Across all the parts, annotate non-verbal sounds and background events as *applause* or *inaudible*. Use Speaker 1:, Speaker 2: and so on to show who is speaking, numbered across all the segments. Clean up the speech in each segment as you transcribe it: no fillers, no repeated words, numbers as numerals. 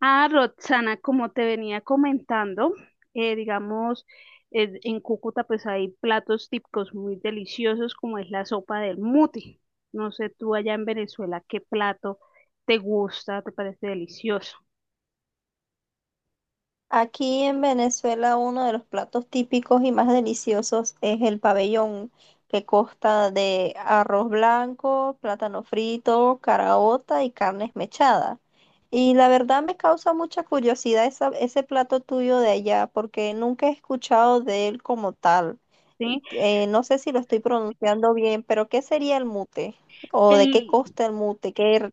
Speaker 1: Ah, Roxana, como te venía comentando, digamos, en Cúcuta pues hay platos típicos muy deliciosos como es la sopa del muti. No sé tú allá en Venezuela qué plato te gusta, te parece delicioso,
Speaker 2: Aquí en Venezuela uno de los platos típicos y más deliciosos es el pabellón, que consta de arroz blanco, plátano frito, caraota y carne esmechada. Y la verdad me causa mucha curiosidad ese plato tuyo de allá, porque nunca he escuchado de él como tal.
Speaker 1: ¿sí?
Speaker 2: No sé si lo estoy pronunciando bien, pero ¿qué sería el mute? ¿O de qué costa el mute? ¿Qué?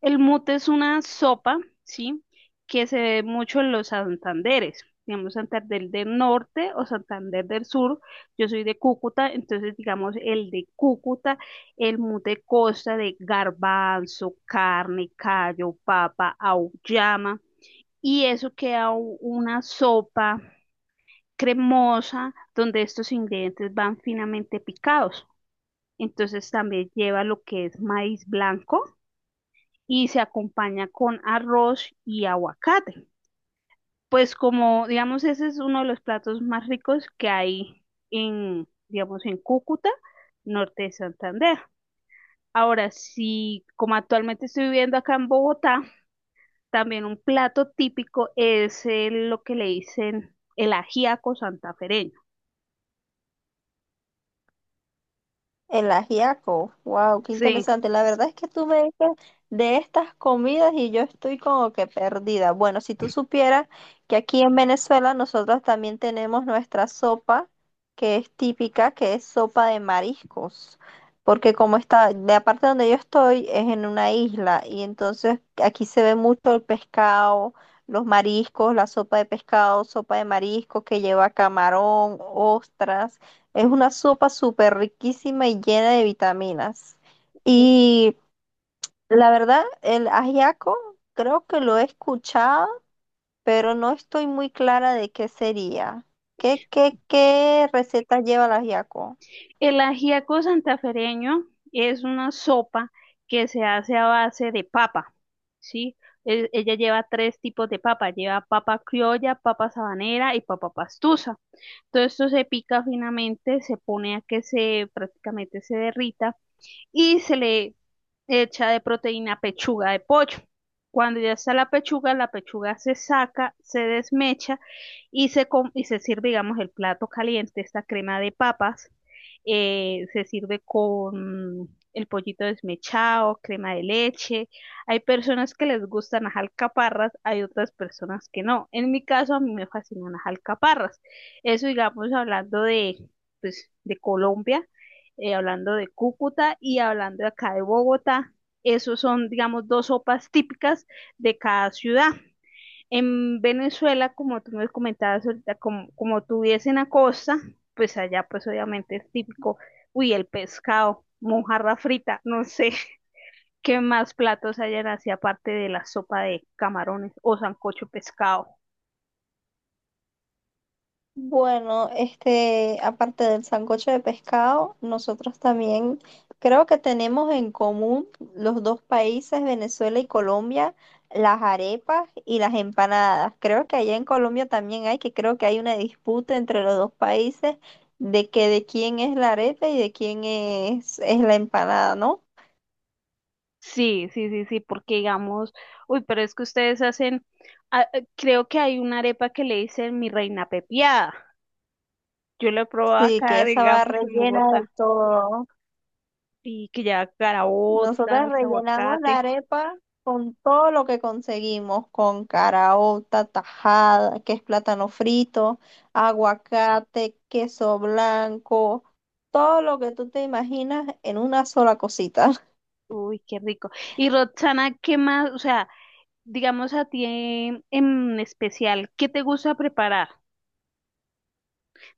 Speaker 1: El mute es una sopa, ¿sí? Que se ve mucho en los Santanderes, digamos Santander del Norte o Santander del Sur. Yo soy de Cúcuta, entonces digamos el de Cúcuta, el mute consta de garbanzo, carne, callo, papa, auyama, y eso queda una sopa cremosa donde estos ingredientes van finamente picados. Entonces también lleva lo que es maíz blanco y se acompaña con arroz y aguacate. Pues como, digamos, ese es uno de los platos más ricos que hay en, digamos, en Cúcuta, norte de Santander. Ahora, si como actualmente estoy viviendo acá en Bogotá, también un plato típico es lo que le dicen el ajiaco santafereño.
Speaker 2: El ajiaco, wow, qué
Speaker 1: Sí.
Speaker 2: interesante. La verdad es que tú me dices de estas comidas y yo estoy como que perdida. Bueno, si tú supieras que aquí en Venezuela nosotros también tenemos nuestra sopa, que es típica, que es sopa de mariscos, porque como está, la parte donde yo estoy es en una isla y entonces aquí se ve mucho el pescado, los mariscos, la sopa de pescado, sopa de mariscos que lleva camarón, ostras. Es una sopa súper riquísima y llena de vitaminas. Y la verdad, el ajiaco creo que lo he escuchado, pero no estoy muy clara de qué sería. ¿Qué receta lleva el ajiaco?
Speaker 1: El ajiaco santafereño es una sopa que se hace a base de papa, ¿sí? Ella lleva tres tipos de papa, lleva papa criolla, papa sabanera y papa pastusa. Todo esto se pica finamente, se pone a que se prácticamente se derrita y se le hecha de proteína pechuga de pollo. Cuando ya está la pechuga se saca, se desmecha y y se sirve, digamos, el plato caliente, esta crema de papas. Se sirve con el pollito desmechado, crema de leche. Hay personas que les gustan las alcaparras, hay otras personas que no. En mi caso, a mí me fascinan las alcaparras. Eso, digamos, hablando de, pues, de Colombia, hablando de Cúcuta y hablando acá de Bogotá. Esos son, digamos, dos sopas típicas de cada ciudad. En Venezuela, como tú me comentabas ahorita, como, como tú vives en la costa, pues allá pues obviamente es típico, uy, el pescado, mojarra frita, no sé *laughs* qué más platos hayan así aparte de la sopa de camarones o sancocho de pescado.
Speaker 2: Bueno, este, aparte del sancocho de pescado, nosotros también creo que tenemos en común los dos países, Venezuela y Colombia, las arepas y las empanadas. Creo que allá en Colombia también hay, que creo que hay una disputa entre los dos países de que de quién es la arepa y de quién es la empanada, ¿no?
Speaker 1: Sí, sí, sí, sí, porque digamos, uy, pero es que ustedes hacen, ah, creo que hay una arepa que le dicen mi reina pepiada. Yo la he probado
Speaker 2: Sí, que
Speaker 1: acá,
Speaker 2: esa va
Speaker 1: digamos, en
Speaker 2: rellena de
Speaker 1: Bogotá,
Speaker 2: todo, ¿no?
Speaker 1: y que lleva
Speaker 2: Nosotras
Speaker 1: caraotas,
Speaker 2: rellenamos la
Speaker 1: aguacate,
Speaker 2: arepa con todo lo que conseguimos, con caraota, tajada, que es plátano frito, aguacate, queso blanco, todo lo que tú te imaginas en una sola cosita.
Speaker 1: uy, qué rico. Y Roxana, ¿qué más? O sea, digamos a ti en especial, ¿qué te gusta preparar?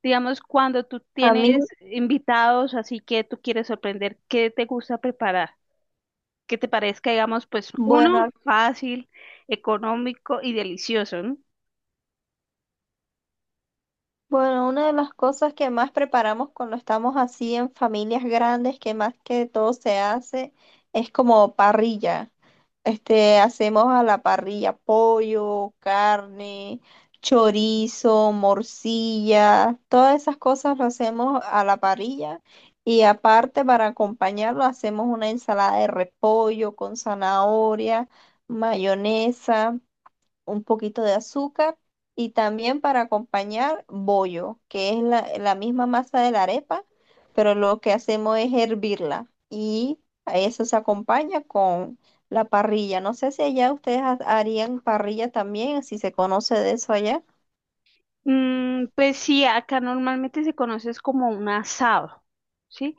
Speaker 1: Digamos, cuando tú
Speaker 2: *laughs* A mí,
Speaker 1: tienes invitados, así que tú quieres sorprender, ¿qué te gusta preparar? Que te parezca, digamos, pues
Speaker 2: bueno,
Speaker 1: uno,
Speaker 2: a...
Speaker 1: fácil, económico y delicioso, ¿no?
Speaker 2: Bueno, una de las cosas que más preparamos cuando estamos así en familias grandes, que más que todo se hace, es como parrilla. Este, hacemos a la parrilla pollo, carne, chorizo, morcilla, todas esas cosas lo hacemos a la parrilla. Y aparte, para acompañarlo, hacemos una ensalada de repollo con zanahoria, mayonesa, un poquito de azúcar y también para acompañar bollo, que es la misma masa de la arepa, pero lo que hacemos es hervirla y a eso se acompaña con la parrilla. No sé si allá ustedes harían parrilla también, si se conoce de eso allá.
Speaker 1: Mm, pues sí, acá normalmente se conoce es como un asado, ¿sí?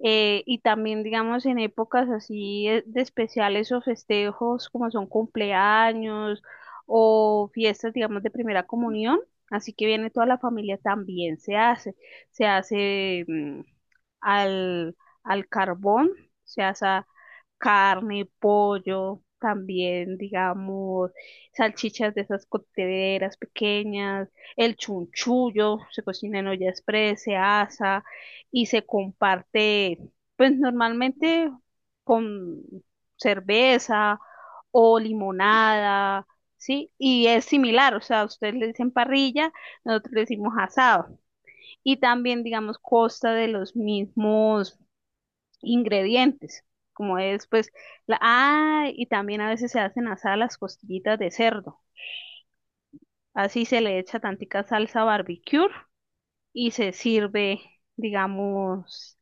Speaker 1: Y también, digamos, en épocas así de especiales o festejos como son cumpleaños o fiestas, digamos, de primera comunión, así que viene toda la familia también se hace al, al carbón, se hace carne, pollo, también, digamos, salchichas de esas cocteleras pequeñas, el chunchullo se cocina en olla express, se asa y se comparte, pues normalmente con cerveza o limonada, ¿sí? Y es similar, o sea, ustedes le dicen parrilla, nosotros le decimos asado. Y también, digamos, consta de los mismos ingredientes, como es, pues, la, ah, y también a veces se hacen asadas las costillitas de cerdo. Así se le echa tantica salsa barbecue y se sirve, digamos,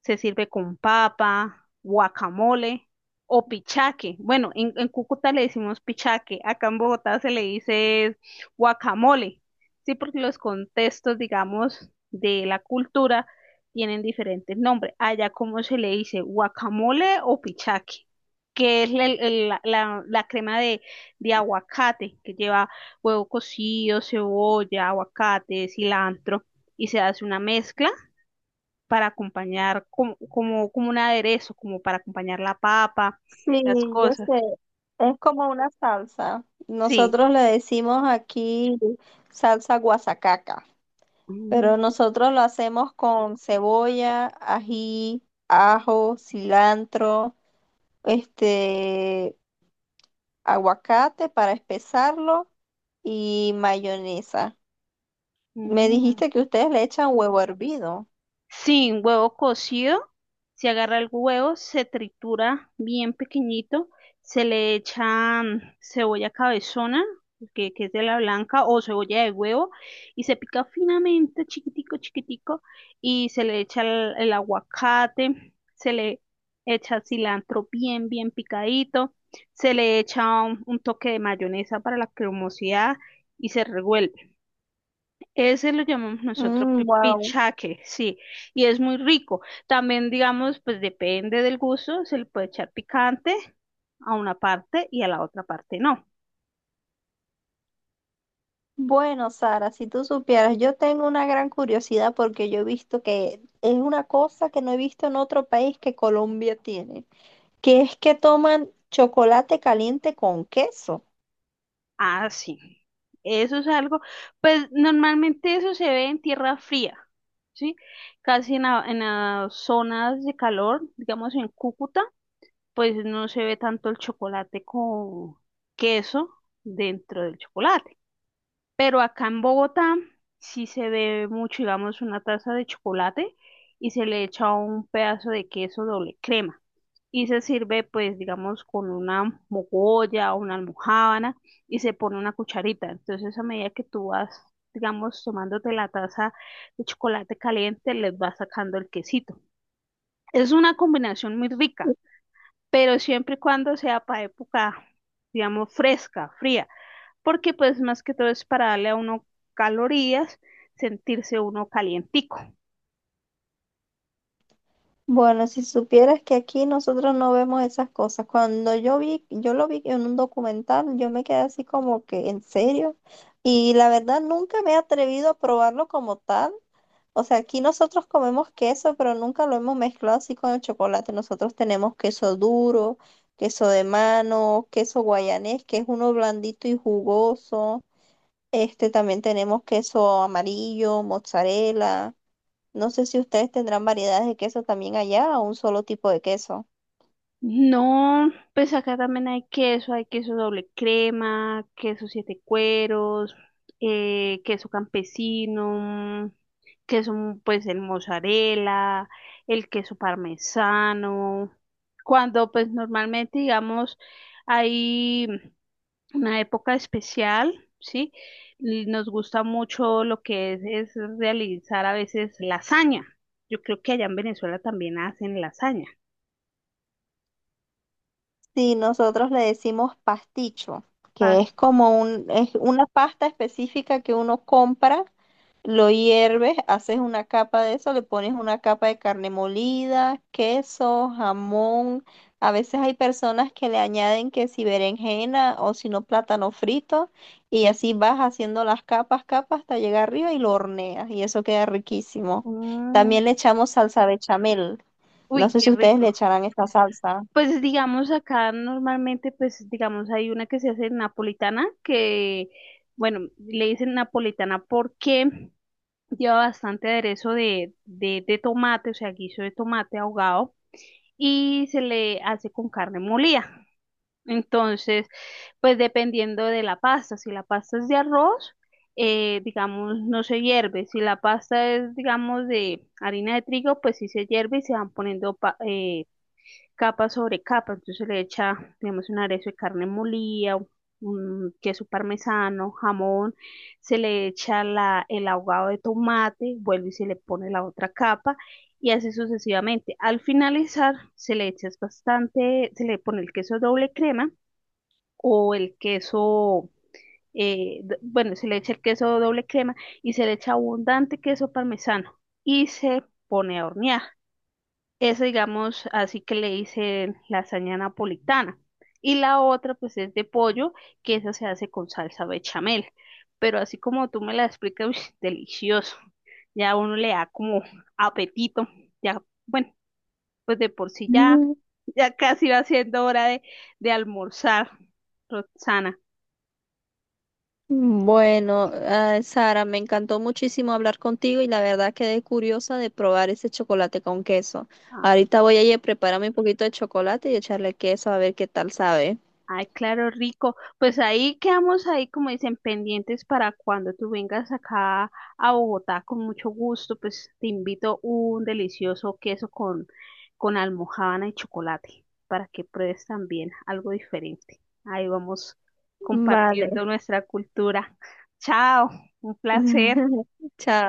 Speaker 1: se sirve con papa, guacamole o pichaque. Bueno, en Cúcuta le decimos pichaque, acá en Bogotá se le dice guacamole, sí, porque los contextos, digamos, de la cultura tienen diferentes nombres. Allá, ¿cómo se le dice? ¿Guacamole o pichaque? Que es la, la crema de aguacate, que lleva huevo cocido, cebolla, aguacate, cilantro, y se hace una mezcla para acompañar como, como, como un aderezo, como para acompañar la papa,
Speaker 2: Sí,
Speaker 1: las
Speaker 2: yo
Speaker 1: cosas.
Speaker 2: sé. Es como una salsa.
Speaker 1: Sí.
Speaker 2: Nosotros le decimos aquí salsa guasacaca.
Speaker 1: Mm,
Speaker 2: Pero nosotros lo hacemos con cebolla, ají, ajo, cilantro, este, aguacate para espesarlo y mayonesa. Me
Speaker 1: mm.
Speaker 2: dijiste que ustedes le echan huevo hervido.
Speaker 1: Sin huevo cocido, se agarra el huevo, se tritura bien pequeñito, se le echa cebolla cabezona, que es de la blanca, o cebolla de huevo, y se pica finamente, chiquitico, chiquitico, y se le echa el aguacate, se le echa cilantro bien, bien picadito, se le echa un toque de mayonesa para la cremosidad y se revuelve. Ese lo llamamos nosotros
Speaker 2: Mm, wow.
Speaker 1: pichaque, sí, y es muy rico. También, digamos, pues depende del gusto, se le puede echar picante a una parte y a la otra parte no.
Speaker 2: Bueno, Sara, si tú supieras, yo tengo una gran curiosidad porque yo he visto que es una cosa que no he visto en otro país, que Colombia tiene, que es que toman chocolate caliente con queso.
Speaker 1: Ah, sí. Eso es algo, pues normalmente eso se ve en tierra fría, ¿sí? Casi en, en las zonas de calor, digamos en Cúcuta, pues no se ve tanto el chocolate con queso dentro del chocolate. Pero acá en Bogotá sí se bebe mucho, digamos, una taza de chocolate y se le echa un pedazo de queso doble crema. Y se sirve, pues, digamos, con una mogolla o una almojábana y se pone una cucharita. Entonces, a medida que tú vas, digamos, tomándote la taza de chocolate caliente, les vas sacando el quesito. Es una combinación muy rica, pero siempre y cuando sea para época, digamos, fresca, fría porque pues más que todo es para darle a uno calorías, sentirse uno calientico.
Speaker 2: Bueno, si supieras que aquí nosotros no vemos esas cosas. Cuando yo vi, yo lo vi en un documental, yo me quedé así como que, ¿en serio? Y la verdad nunca me he atrevido a probarlo como tal. O sea, aquí nosotros comemos queso, pero nunca lo hemos mezclado así con el chocolate. Nosotros tenemos queso duro, queso de mano, queso guayanés, que es uno blandito y jugoso. Este también tenemos queso amarillo, mozzarella. No sé si ustedes tendrán variedades de queso también allá o un solo tipo de queso.
Speaker 1: No, pues acá también hay queso doble crema, queso siete cueros, queso campesino, queso pues el mozzarella, el queso parmesano. Cuando pues normalmente digamos hay una época especial, ¿sí? Y nos gusta mucho lo que es realizar a veces lasaña. Yo creo que allá en Venezuela también hacen lasaña.
Speaker 2: Sí, nosotros le decimos pasticho, que es como un, es una pasta específica que uno compra. Lo hierves, haces una capa de eso, le pones una capa de carne molida, queso, jamón. A veces hay personas que le añaden que si berenjena o si no plátano frito y así vas haciendo las capas, capas hasta llegar arriba y lo horneas y eso queda riquísimo.
Speaker 1: Mm,
Speaker 2: También le echamos salsa bechamel. No
Speaker 1: uy,
Speaker 2: sé
Speaker 1: qué
Speaker 2: si ustedes le
Speaker 1: rico.
Speaker 2: echarán esta salsa.
Speaker 1: Pues digamos acá normalmente, pues digamos hay una que se hace napolitana, que bueno, le dicen napolitana porque lleva bastante aderezo de tomate, o sea, guiso de tomate ahogado, y se le hace con carne molida. Entonces, pues dependiendo de la pasta, si la pasta es de arroz, digamos, no se hierve. Si la pasta es, digamos, de harina de trigo, pues sí se hierve y se van poniendo capa sobre capa. Entonces se le echa, digamos, un aderezo de carne molida, un queso parmesano, jamón, se le echa la, el ahogado de tomate, vuelve y se le pone la otra capa y así sucesivamente. Al finalizar se le echa bastante, se le pone el queso doble crema o el queso, bueno, se le echa el queso doble crema y se le echa abundante queso parmesano y se pone a hornear. Eso, digamos, así que le dicen lasaña napolitana. Y la otra, pues, es de pollo, que esa se hace con salsa bechamel. Pero así como tú me la explicas, uy, *laughs* delicioso. Ya uno le da como apetito. Ya, bueno, pues de por sí ya, ya casi va siendo hora de almorzar, Roxana.
Speaker 2: Bueno, ah, Sara, me encantó muchísimo hablar contigo y la verdad quedé curiosa de probar ese chocolate con queso. Ahorita voy a ir a prepararme un poquito de chocolate y echarle queso a ver qué tal sabe.
Speaker 1: Ay, claro, rico. Pues ahí quedamos ahí, como dicen, pendientes para cuando tú vengas acá a Bogotá con mucho gusto, pues te invito un delicioso queso con almojábana y chocolate para que pruebes también algo diferente. Ahí vamos
Speaker 2: Vale.
Speaker 1: compartiendo nuestra cultura. Chao, un placer.
Speaker 2: *laughs* Chao.